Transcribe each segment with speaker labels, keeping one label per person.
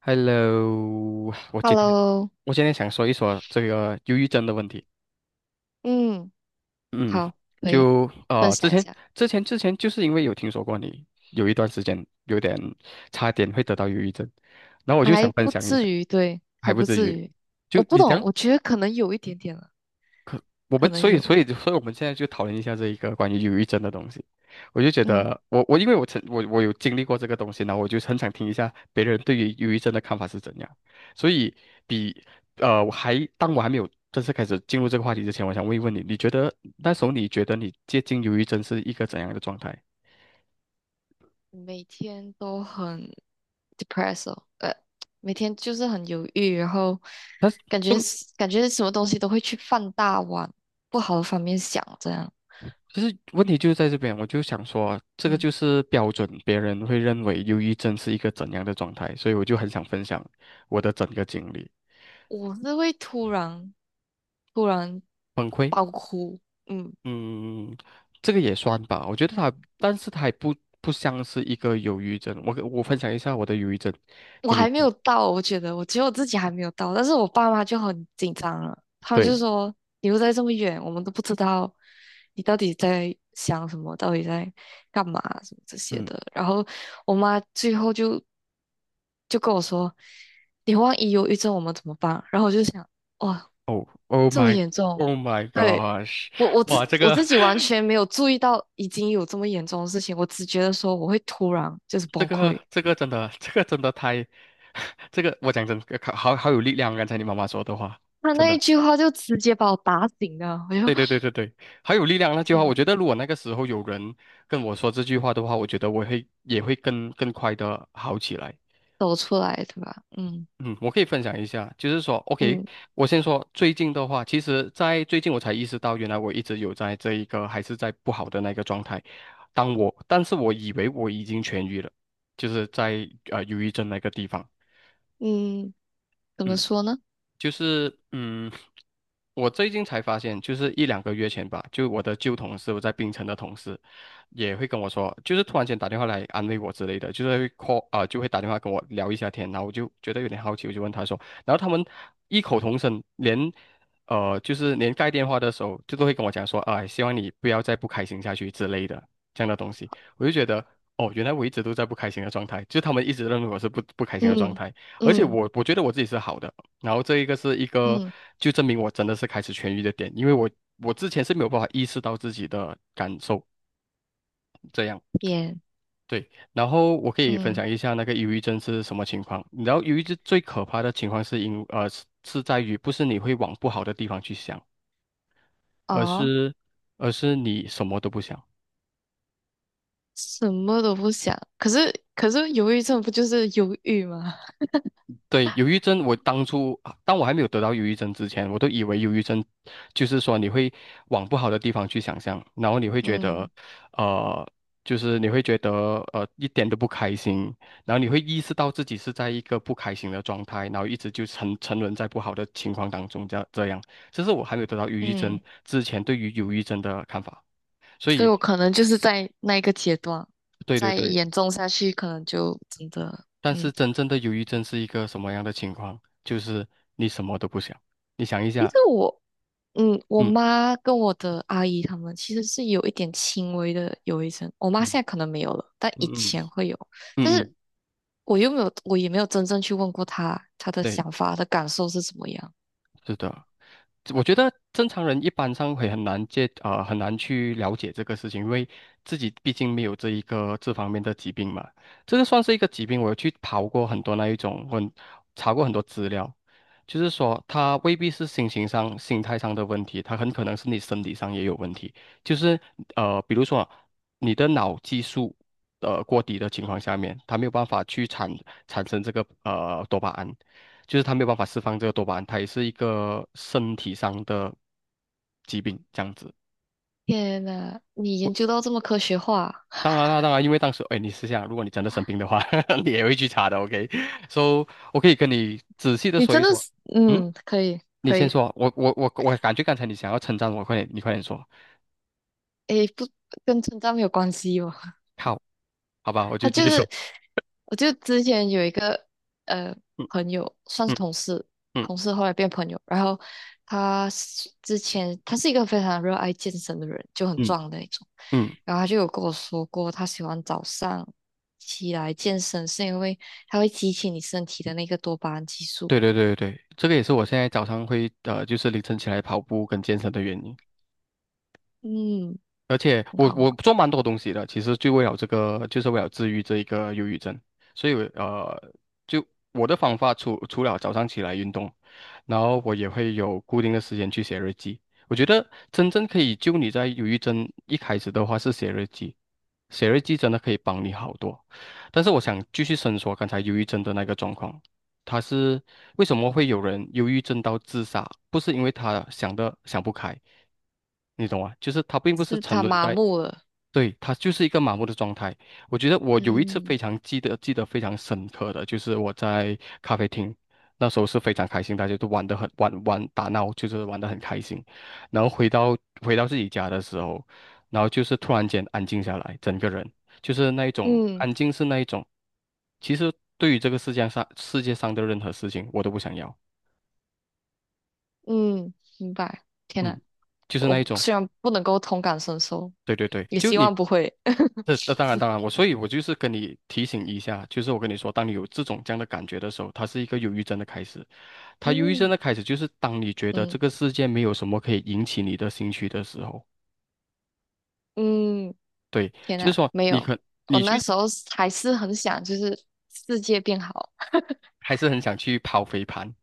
Speaker 1: Hello，我今天
Speaker 2: Hello，
Speaker 1: 我今天想说一说这个忧郁症的问题。
Speaker 2: 嗯，
Speaker 1: 嗯，
Speaker 2: 好，可以
Speaker 1: 就
Speaker 2: 分
Speaker 1: 呃，之
Speaker 2: 享一
Speaker 1: 前
Speaker 2: 下，
Speaker 1: 之前就是因为有听说过你有一段时间有点差点会得到忧郁症，然后我就
Speaker 2: 还
Speaker 1: 想分
Speaker 2: 不
Speaker 1: 享一
Speaker 2: 至
Speaker 1: 下，
Speaker 2: 于，对，还
Speaker 1: 还不
Speaker 2: 不
Speaker 1: 至
Speaker 2: 至
Speaker 1: 于。
Speaker 2: 于。
Speaker 1: 就
Speaker 2: 我不
Speaker 1: 你
Speaker 2: 懂，
Speaker 1: 讲，
Speaker 2: 我觉得可能有一点点了，
Speaker 1: 我
Speaker 2: 可
Speaker 1: 们
Speaker 2: 能
Speaker 1: 所以所
Speaker 2: 有，
Speaker 1: 以所以我们现在就讨论一下这一个关于忧郁症的东西。我就觉
Speaker 2: 嗯，
Speaker 1: 得我我因为我曾我我有经历过这个东西呢，我就很想听一下别人对于忧郁症的看法是怎样。所以比呃我还当我还没有正式开始进入这个话题之前，我想问一问你，你觉得那时候你觉得你接近忧郁症是一个怎样的状态？
Speaker 2: 每天都很 depressed，每天就是很犹豫，然后
Speaker 1: 但是
Speaker 2: 感觉
Speaker 1: 问
Speaker 2: 是感觉什么东西都会去放大往不好的方面想，这样，
Speaker 1: 其实问题就是在这边，我就想说，这个
Speaker 2: 嗯，
Speaker 1: 就是标准，别人会认为忧郁症是一个怎样的状态，所以我就很想分享我的整个经历，
Speaker 2: 我是会突然
Speaker 1: 崩溃。
Speaker 2: 爆哭，嗯。
Speaker 1: 嗯，这个也算吧，我觉得它，但是它也不不像是一个忧郁症。我跟我分享一下我的忧郁症
Speaker 2: 我
Speaker 1: 给你
Speaker 2: 还没
Speaker 1: 听。
Speaker 2: 有到，我觉得我自己还没有到，但是我爸妈就很紧张了，他们就
Speaker 1: 对，
Speaker 2: 说你又在这么远，我们都不知道你到底在想什么，到底在干嘛什么这些
Speaker 1: 嗯，
Speaker 2: 的。然后我妈最后就跟我说，你万一忧郁症我们怎么办？然后我就想，哇，
Speaker 1: 哦，Oh
Speaker 2: 这么
Speaker 1: my。
Speaker 2: 严重，
Speaker 1: Oh my
Speaker 2: 对。
Speaker 1: gosh！
Speaker 2: 我我自
Speaker 1: 哇，这
Speaker 2: 我
Speaker 1: 个，
Speaker 2: 自己完 全没有注意到已经有这么严重的事情，我只觉得说我会突然就是
Speaker 1: 这
Speaker 2: 崩
Speaker 1: 个，
Speaker 2: 溃，
Speaker 1: 这个真的，这个真的太，这个我讲真，好好有力量。刚才你妈妈说的话，
Speaker 2: 他
Speaker 1: 真
Speaker 2: 那
Speaker 1: 的，
Speaker 2: 一句话就直接把我打醒了，我又
Speaker 1: 对对对对对，好有力量那句话。
Speaker 2: 天
Speaker 1: 我
Speaker 2: 呐，
Speaker 1: 觉得如果那个时候有人跟我说这句话的话，我觉得我会也会更快的好起来。
Speaker 2: 走出来对吧？嗯
Speaker 1: 嗯，我可以分享一下，就是说，OK，
Speaker 2: 嗯
Speaker 1: 我先说最近的话，其实，在最近我才意识到，原来我一直有在这一个还是在不好的那个状态。但是我以为我已经痊愈了，就是在忧郁症那个地方。
Speaker 2: 嗯，怎么
Speaker 1: 嗯。
Speaker 2: 说呢？
Speaker 1: 就是嗯，我最近才发现，就是一两个月前吧，就我的旧同事，我在槟城的同事，也会跟我说，就是突然间打电话来安慰我之类的，就是会 call 啊、就会打电话跟我聊一下天，然后我就觉得有点好奇，我就问他说，然后他们异口同声，就是连盖电话的时候，就都会跟我讲说，啊、希望你不要再不开心下去之类的这样的东西，我就觉得。哦，原来我一直都在不开心的状态，就是他们一直认为我是不开心的状
Speaker 2: 嗯
Speaker 1: 态，而且
Speaker 2: 嗯
Speaker 1: 我觉得我自己是好的，然后这一个是一个
Speaker 2: 嗯，
Speaker 1: 就证明我真的是开始痊愈的点，因为我之前是没有办法意识到自己的感受这样。
Speaker 2: 天
Speaker 1: 对，然后我可以分
Speaker 2: 嗯
Speaker 1: 享一下那个忧郁症是什么情况。然后忧郁症最可怕的情况是因呃是是在于不是你会往不好的地方去想，而
Speaker 2: 哦，
Speaker 1: 是而是你什么都不想。
Speaker 2: 什么都不想。可是，忧郁症不就是忧郁吗？
Speaker 1: 对，忧郁症，我当初啊当我还没有得到忧郁症之前，我都以为忧郁症就是说你会往不好的地方去想象，然后你会觉
Speaker 2: 嗯
Speaker 1: 得，呃，就是你会觉得一点都不开心，然后你会意识到自己是在一个不开心的状态，然后一直就沉沦在不好的情况当中，这样这样，这是我还没有得到忧郁症
Speaker 2: 嗯，
Speaker 1: 之前对于忧郁症的看法。所
Speaker 2: 所以
Speaker 1: 以，
Speaker 2: 我可能就是在那一个阶段，
Speaker 1: 对对
Speaker 2: 再
Speaker 1: 对，
Speaker 2: 严重下去，可能就真的
Speaker 1: 但是
Speaker 2: 嗯。
Speaker 1: 真正的忧郁症是一个什么样的情况？就是你什么都不想，你想一
Speaker 2: 其
Speaker 1: 下。
Speaker 2: 实我嗯，我
Speaker 1: 嗯。
Speaker 2: 妈跟我的阿姨她们其实是有一点轻微的忧郁症。我妈现
Speaker 1: 嗯
Speaker 2: 在可能没有了，但以
Speaker 1: 嗯嗯
Speaker 2: 前会有。但
Speaker 1: 嗯，
Speaker 2: 是
Speaker 1: 嗯，
Speaker 2: 我又没有，我也没有真正去问过她，她的
Speaker 1: 对，
Speaker 2: 想法、她的感受是怎么样。
Speaker 1: 是的，我觉得正常人一般上会很难很难去了解这个事情，因为自己毕竟没有这一个这方面的疾病嘛。这个算是一个疾病，我有去刨过很多那一种，我查过很多资料，就是说它未必是心情上、心态上的问题，它很可能是你身体上也有问题。就是呃，比如说你的脑激素呃过低的情况下面，它没有办法去产生这个多巴胺。就是他没有办法释放这个多巴胺，它也是一个身体上的疾病这样子。
Speaker 2: 天呐，你研究到这么科学化，
Speaker 1: 当然啦，当然，因为当时，哎，你试下，如果你真的生病的话，你也会去查的，OK？So,我可以跟你仔细的
Speaker 2: 你
Speaker 1: 说一
Speaker 2: 真的
Speaker 1: 说。
Speaker 2: 是，
Speaker 1: 嗯，
Speaker 2: 嗯，可以，
Speaker 1: 你
Speaker 2: 可
Speaker 1: 先
Speaker 2: 以。
Speaker 1: 说啊，我感觉刚才你想要称赞我，快点，你快点说。
Speaker 2: 诶，不，跟成长没有关系吧？
Speaker 1: 好，好吧，我就
Speaker 2: 他
Speaker 1: 继
Speaker 2: 就
Speaker 1: 续说。
Speaker 2: 是，我就之前有一个呃
Speaker 1: 嗯
Speaker 2: 朋友，算是
Speaker 1: 嗯
Speaker 2: 同事，
Speaker 1: 嗯
Speaker 2: 同事后来变朋友。然后之前他是一个非常热爱健身的人，就很
Speaker 1: 嗯
Speaker 2: 壮的那种。
Speaker 1: 嗯，
Speaker 2: 然后他就有跟我说过，他喜欢早上起来健身，是因为他会激起你身体的那个多巴胺激素。
Speaker 1: 对对对对对，这个也是我现在早上会呃，就是凌晨起来跑步跟健身的原因。
Speaker 2: 嗯，
Speaker 1: 而且
Speaker 2: 很
Speaker 1: 我
Speaker 2: 好，很
Speaker 1: 我
Speaker 2: 好
Speaker 1: 做蛮多东西的，其实就为了这个，就是为了治愈这一个忧郁症。所以呃，就我的方法除了早上起来运动，然后我也会有固定的时间去写日记。我觉得真正可以救你在忧郁症一开始的话是写日记，写日记真的可以帮你好多。但是我想继续伸缩刚才忧郁症的那个状况，他是为什么会有人忧郁症到自杀？不是因为他想不开，你懂吗？就是他并不是
Speaker 2: 是
Speaker 1: 沉
Speaker 2: 他
Speaker 1: 沦
Speaker 2: 麻
Speaker 1: 在
Speaker 2: 木了。
Speaker 1: 对，他就是一个麻木的状态。我觉得我有一次
Speaker 2: 嗯
Speaker 1: 非常记得非常深刻的，就是我在咖啡厅，那时候是非常开心，大家都玩打闹，就是玩得很开心。然后回到自己家的时候，然后就是突然间安静下来，整个人就是那一种
Speaker 2: 嗯
Speaker 1: 安静是那一种，其实对于这个世界上的任何事情，我都不想要。
Speaker 2: 嗯，明白。天呐，
Speaker 1: 嗯，就是那
Speaker 2: 我
Speaker 1: 一种，
Speaker 2: 虽然不能够同感身受，
Speaker 1: 对对对，
Speaker 2: 也
Speaker 1: 就
Speaker 2: 希
Speaker 1: 你
Speaker 2: 望不会。
Speaker 1: 这当然，我所以，我就是跟你提醒一下，就是我跟你说，当你有这种这样的感觉的时候，它是一个忧郁症的开始。它忧郁症
Speaker 2: 嗯
Speaker 1: 的开始就是当你觉得这
Speaker 2: 嗯
Speaker 1: 个世界没有什么可以引起你的兴趣的时候，
Speaker 2: 嗯，
Speaker 1: 对，
Speaker 2: 天
Speaker 1: 就是
Speaker 2: 呐，
Speaker 1: 说
Speaker 2: 没有，我
Speaker 1: 你
Speaker 2: 那
Speaker 1: 去
Speaker 2: 时候还是很想，就是世界变好。
Speaker 1: 还是很想去跑飞盘。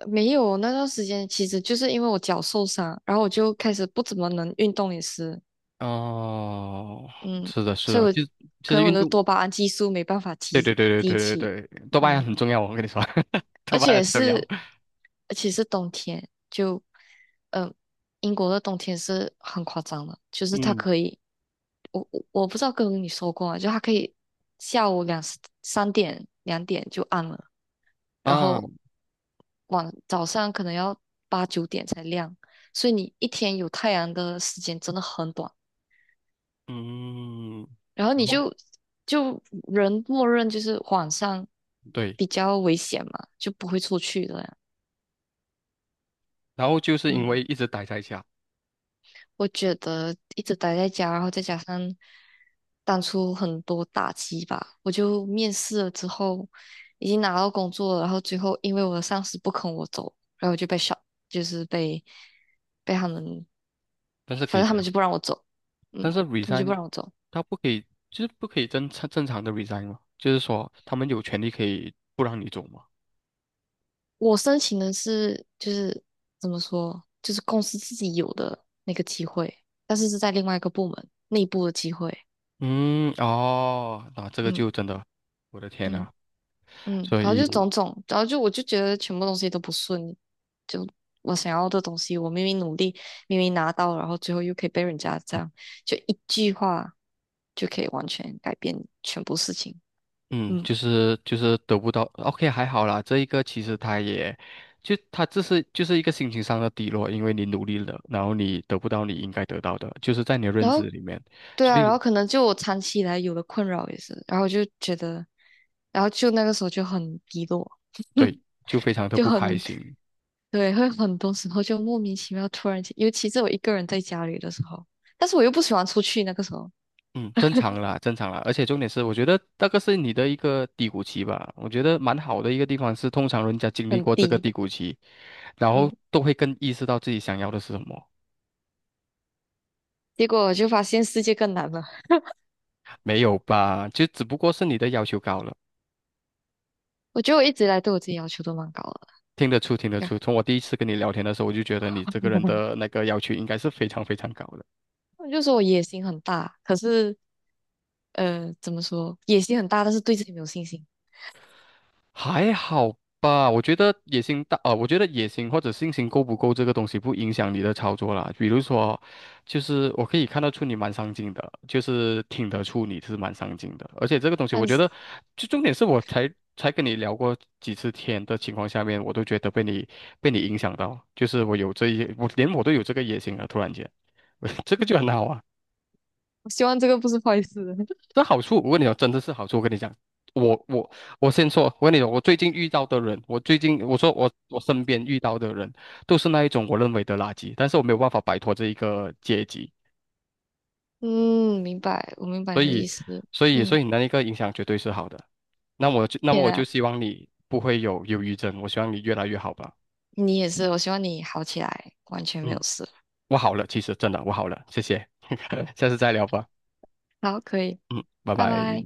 Speaker 2: 没有那段时间，其实就是因为我脚受伤，然后我就开始不怎么能运动，也是，
Speaker 1: 哦，
Speaker 2: 嗯，
Speaker 1: 是的，是
Speaker 2: 所以
Speaker 1: 的，
Speaker 2: 我
Speaker 1: 就
Speaker 2: 可
Speaker 1: 是
Speaker 2: 能我
Speaker 1: 运
Speaker 2: 的
Speaker 1: 动，
Speaker 2: 多巴胺激素没办法
Speaker 1: 对
Speaker 2: 提
Speaker 1: 对对对
Speaker 2: 提
Speaker 1: 对
Speaker 2: 起，
Speaker 1: 对对，多巴胺
Speaker 2: 嗯，
Speaker 1: 很重要，我跟你说，多
Speaker 2: 而
Speaker 1: 巴胺
Speaker 2: 且
Speaker 1: 很重要。
Speaker 2: 是而且是冬天，就嗯，英国的冬天是很夸张的，就是它
Speaker 1: 嗯
Speaker 2: 可以。我不知道跟你说过吗？就它可以下午两点就暗了，然
Speaker 1: 啊，
Speaker 2: 后早上可能要8、9点才亮，所以你一天有太阳的时间真的很短。
Speaker 1: 嗯，
Speaker 2: 然后
Speaker 1: 然
Speaker 2: 你
Speaker 1: 后
Speaker 2: 就人默认就是晚上
Speaker 1: 对，
Speaker 2: 比较危险嘛，就不会出去的呀
Speaker 1: 然后就是因
Speaker 2: 嗯，
Speaker 1: 为一直待在家。
Speaker 2: 我觉得一直待在家，然后再加上当初很多打击吧，我就面试了之后，已经拿到工作了，然后最后因为我的上司不肯我走，然后我就就是被他们，
Speaker 1: 但是可
Speaker 2: 反
Speaker 1: 以
Speaker 2: 正
Speaker 1: 这
Speaker 2: 他们
Speaker 1: 样，
Speaker 2: 就不让我走，
Speaker 1: 但
Speaker 2: 嗯，
Speaker 1: 是
Speaker 2: 他们就不
Speaker 1: resign
Speaker 2: 让我走。
Speaker 1: 他不可以，就是不可以正常的 resign 嘛，就是说他们有权利可以不让你走嘛。
Speaker 2: 我申请的就是怎么说，就是公司自己有的那个机会，但是是在另外一个部门内部的机会，
Speaker 1: 嗯，哦，那这个
Speaker 2: 嗯
Speaker 1: 就真的，我的天
Speaker 2: 嗯。
Speaker 1: 呐，
Speaker 2: 嗯，
Speaker 1: 所
Speaker 2: 然后就
Speaker 1: 以，
Speaker 2: 种种，然后我就觉得全部东西都不顺利，就我想要的东西，我明明努力，明明拿到，然后最后又可以被人家这样，就一句话就可以完全改变全部事情。
Speaker 1: 嗯，
Speaker 2: 嗯，
Speaker 1: 就是就是得不到，OK,还好啦，这一个其实他也，就他这是就是一个心情上的低落，因为你努力了，然后你得不到你应该得到的，就是在你的认
Speaker 2: 然
Speaker 1: 知
Speaker 2: 后
Speaker 1: 里面，
Speaker 2: 对
Speaker 1: 所
Speaker 2: 啊，然
Speaker 1: 以
Speaker 2: 后可能就我长期以来有的困扰也是，然后就觉得，然后就那个时候就很低落，
Speaker 1: 对，就非常 的
Speaker 2: 就
Speaker 1: 不开
Speaker 2: 很，
Speaker 1: 心。
Speaker 2: 对，会很多时候就莫名其妙突然间，尤其是我一个人在家里的时候，但是我又不喜欢出去，那个时候
Speaker 1: 嗯，正常啦，正常啦，而且重点是，我觉得那个是你的一个低谷期吧。我觉得蛮好的一个地方是，通常人家经历
Speaker 2: 很
Speaker 1: 过这个
Speaker 2: 低。
Speaker 1: 低谷期，然后
Speaker 2: 嗯。
Speaker 1: 都会更意识到自己想要的是什么。
Speaker 2: 结果我就发现世界更难了。
Speaker 1: 没有吧？就只不过是你的要求高了，
Speaker 2: 我觉得我一直以来对我自己要求都蛮高的，
Speaker 1: 听得出，听得
Speaker 2: 呀
Speaker 1: 出。从我第一次跟你聊天的时候，我就觉得你这个人的那个要求应该是非常高的。
Speaker 2: 我就说我野心很大，可是怎么说，野心很大，但是对自己没有信心。
Speaker 1: 还好吧，我觉得野心大，呃，我觉得野心或者信心够不够这个东西不影响你的操作啦。比如说，就是我可以看得出你蛮上进的，就是听得出你是蛮上进的，而且这个东西我
Speaker 2: 但
Speaker 1: 觉
Speaker 2: 是
Speaker 1: 得，就重点是我才跟你聊过几次天的情况下面，我都觉得被你影响到，就是我有这一，我连我都有这个野心了，突然间，这个就很好啊。
Speaker 2: 我希望这个不是坏事。
Speaker 1: 这好处，我跟你讲，真的是好处。我跟你讲，我我我先说，我跟你讲，我最近遇到的人，我最近我说我身边遇到的人，都是那一种我认为的垃圾，但是我没有办法摆脱这一个阶级，
Speaker 2: 嗯，明白，我明白
Speaker 1: 所
Speaker 2: 你的意
Speaker 1: 以
Speaker 2: 思。
Speaker 1: 所
Speaker 2: 嗯，
Speaker 1: 以你那一个影响绝对是好的。那么
Speaker 2: 天
Speaker 1: 我就
Speaker 2: 呐，
Speaker 1: 希望你不会有忧郁症，我希望你越来越好吧。
Speaker 2: 你也是，我希望你好起来，完全没有
Speaker 1: 嗯，
Speaker 2: 事。
Speaker 1: 我好了，其实真的我好了，谢谢，下次再聊吧。
Speaker 2: 好，可以，
Speaker 1: 嗯，拜
Speaker 2: 拜
Speaker 1: 拜。
Speaker 2: 拜。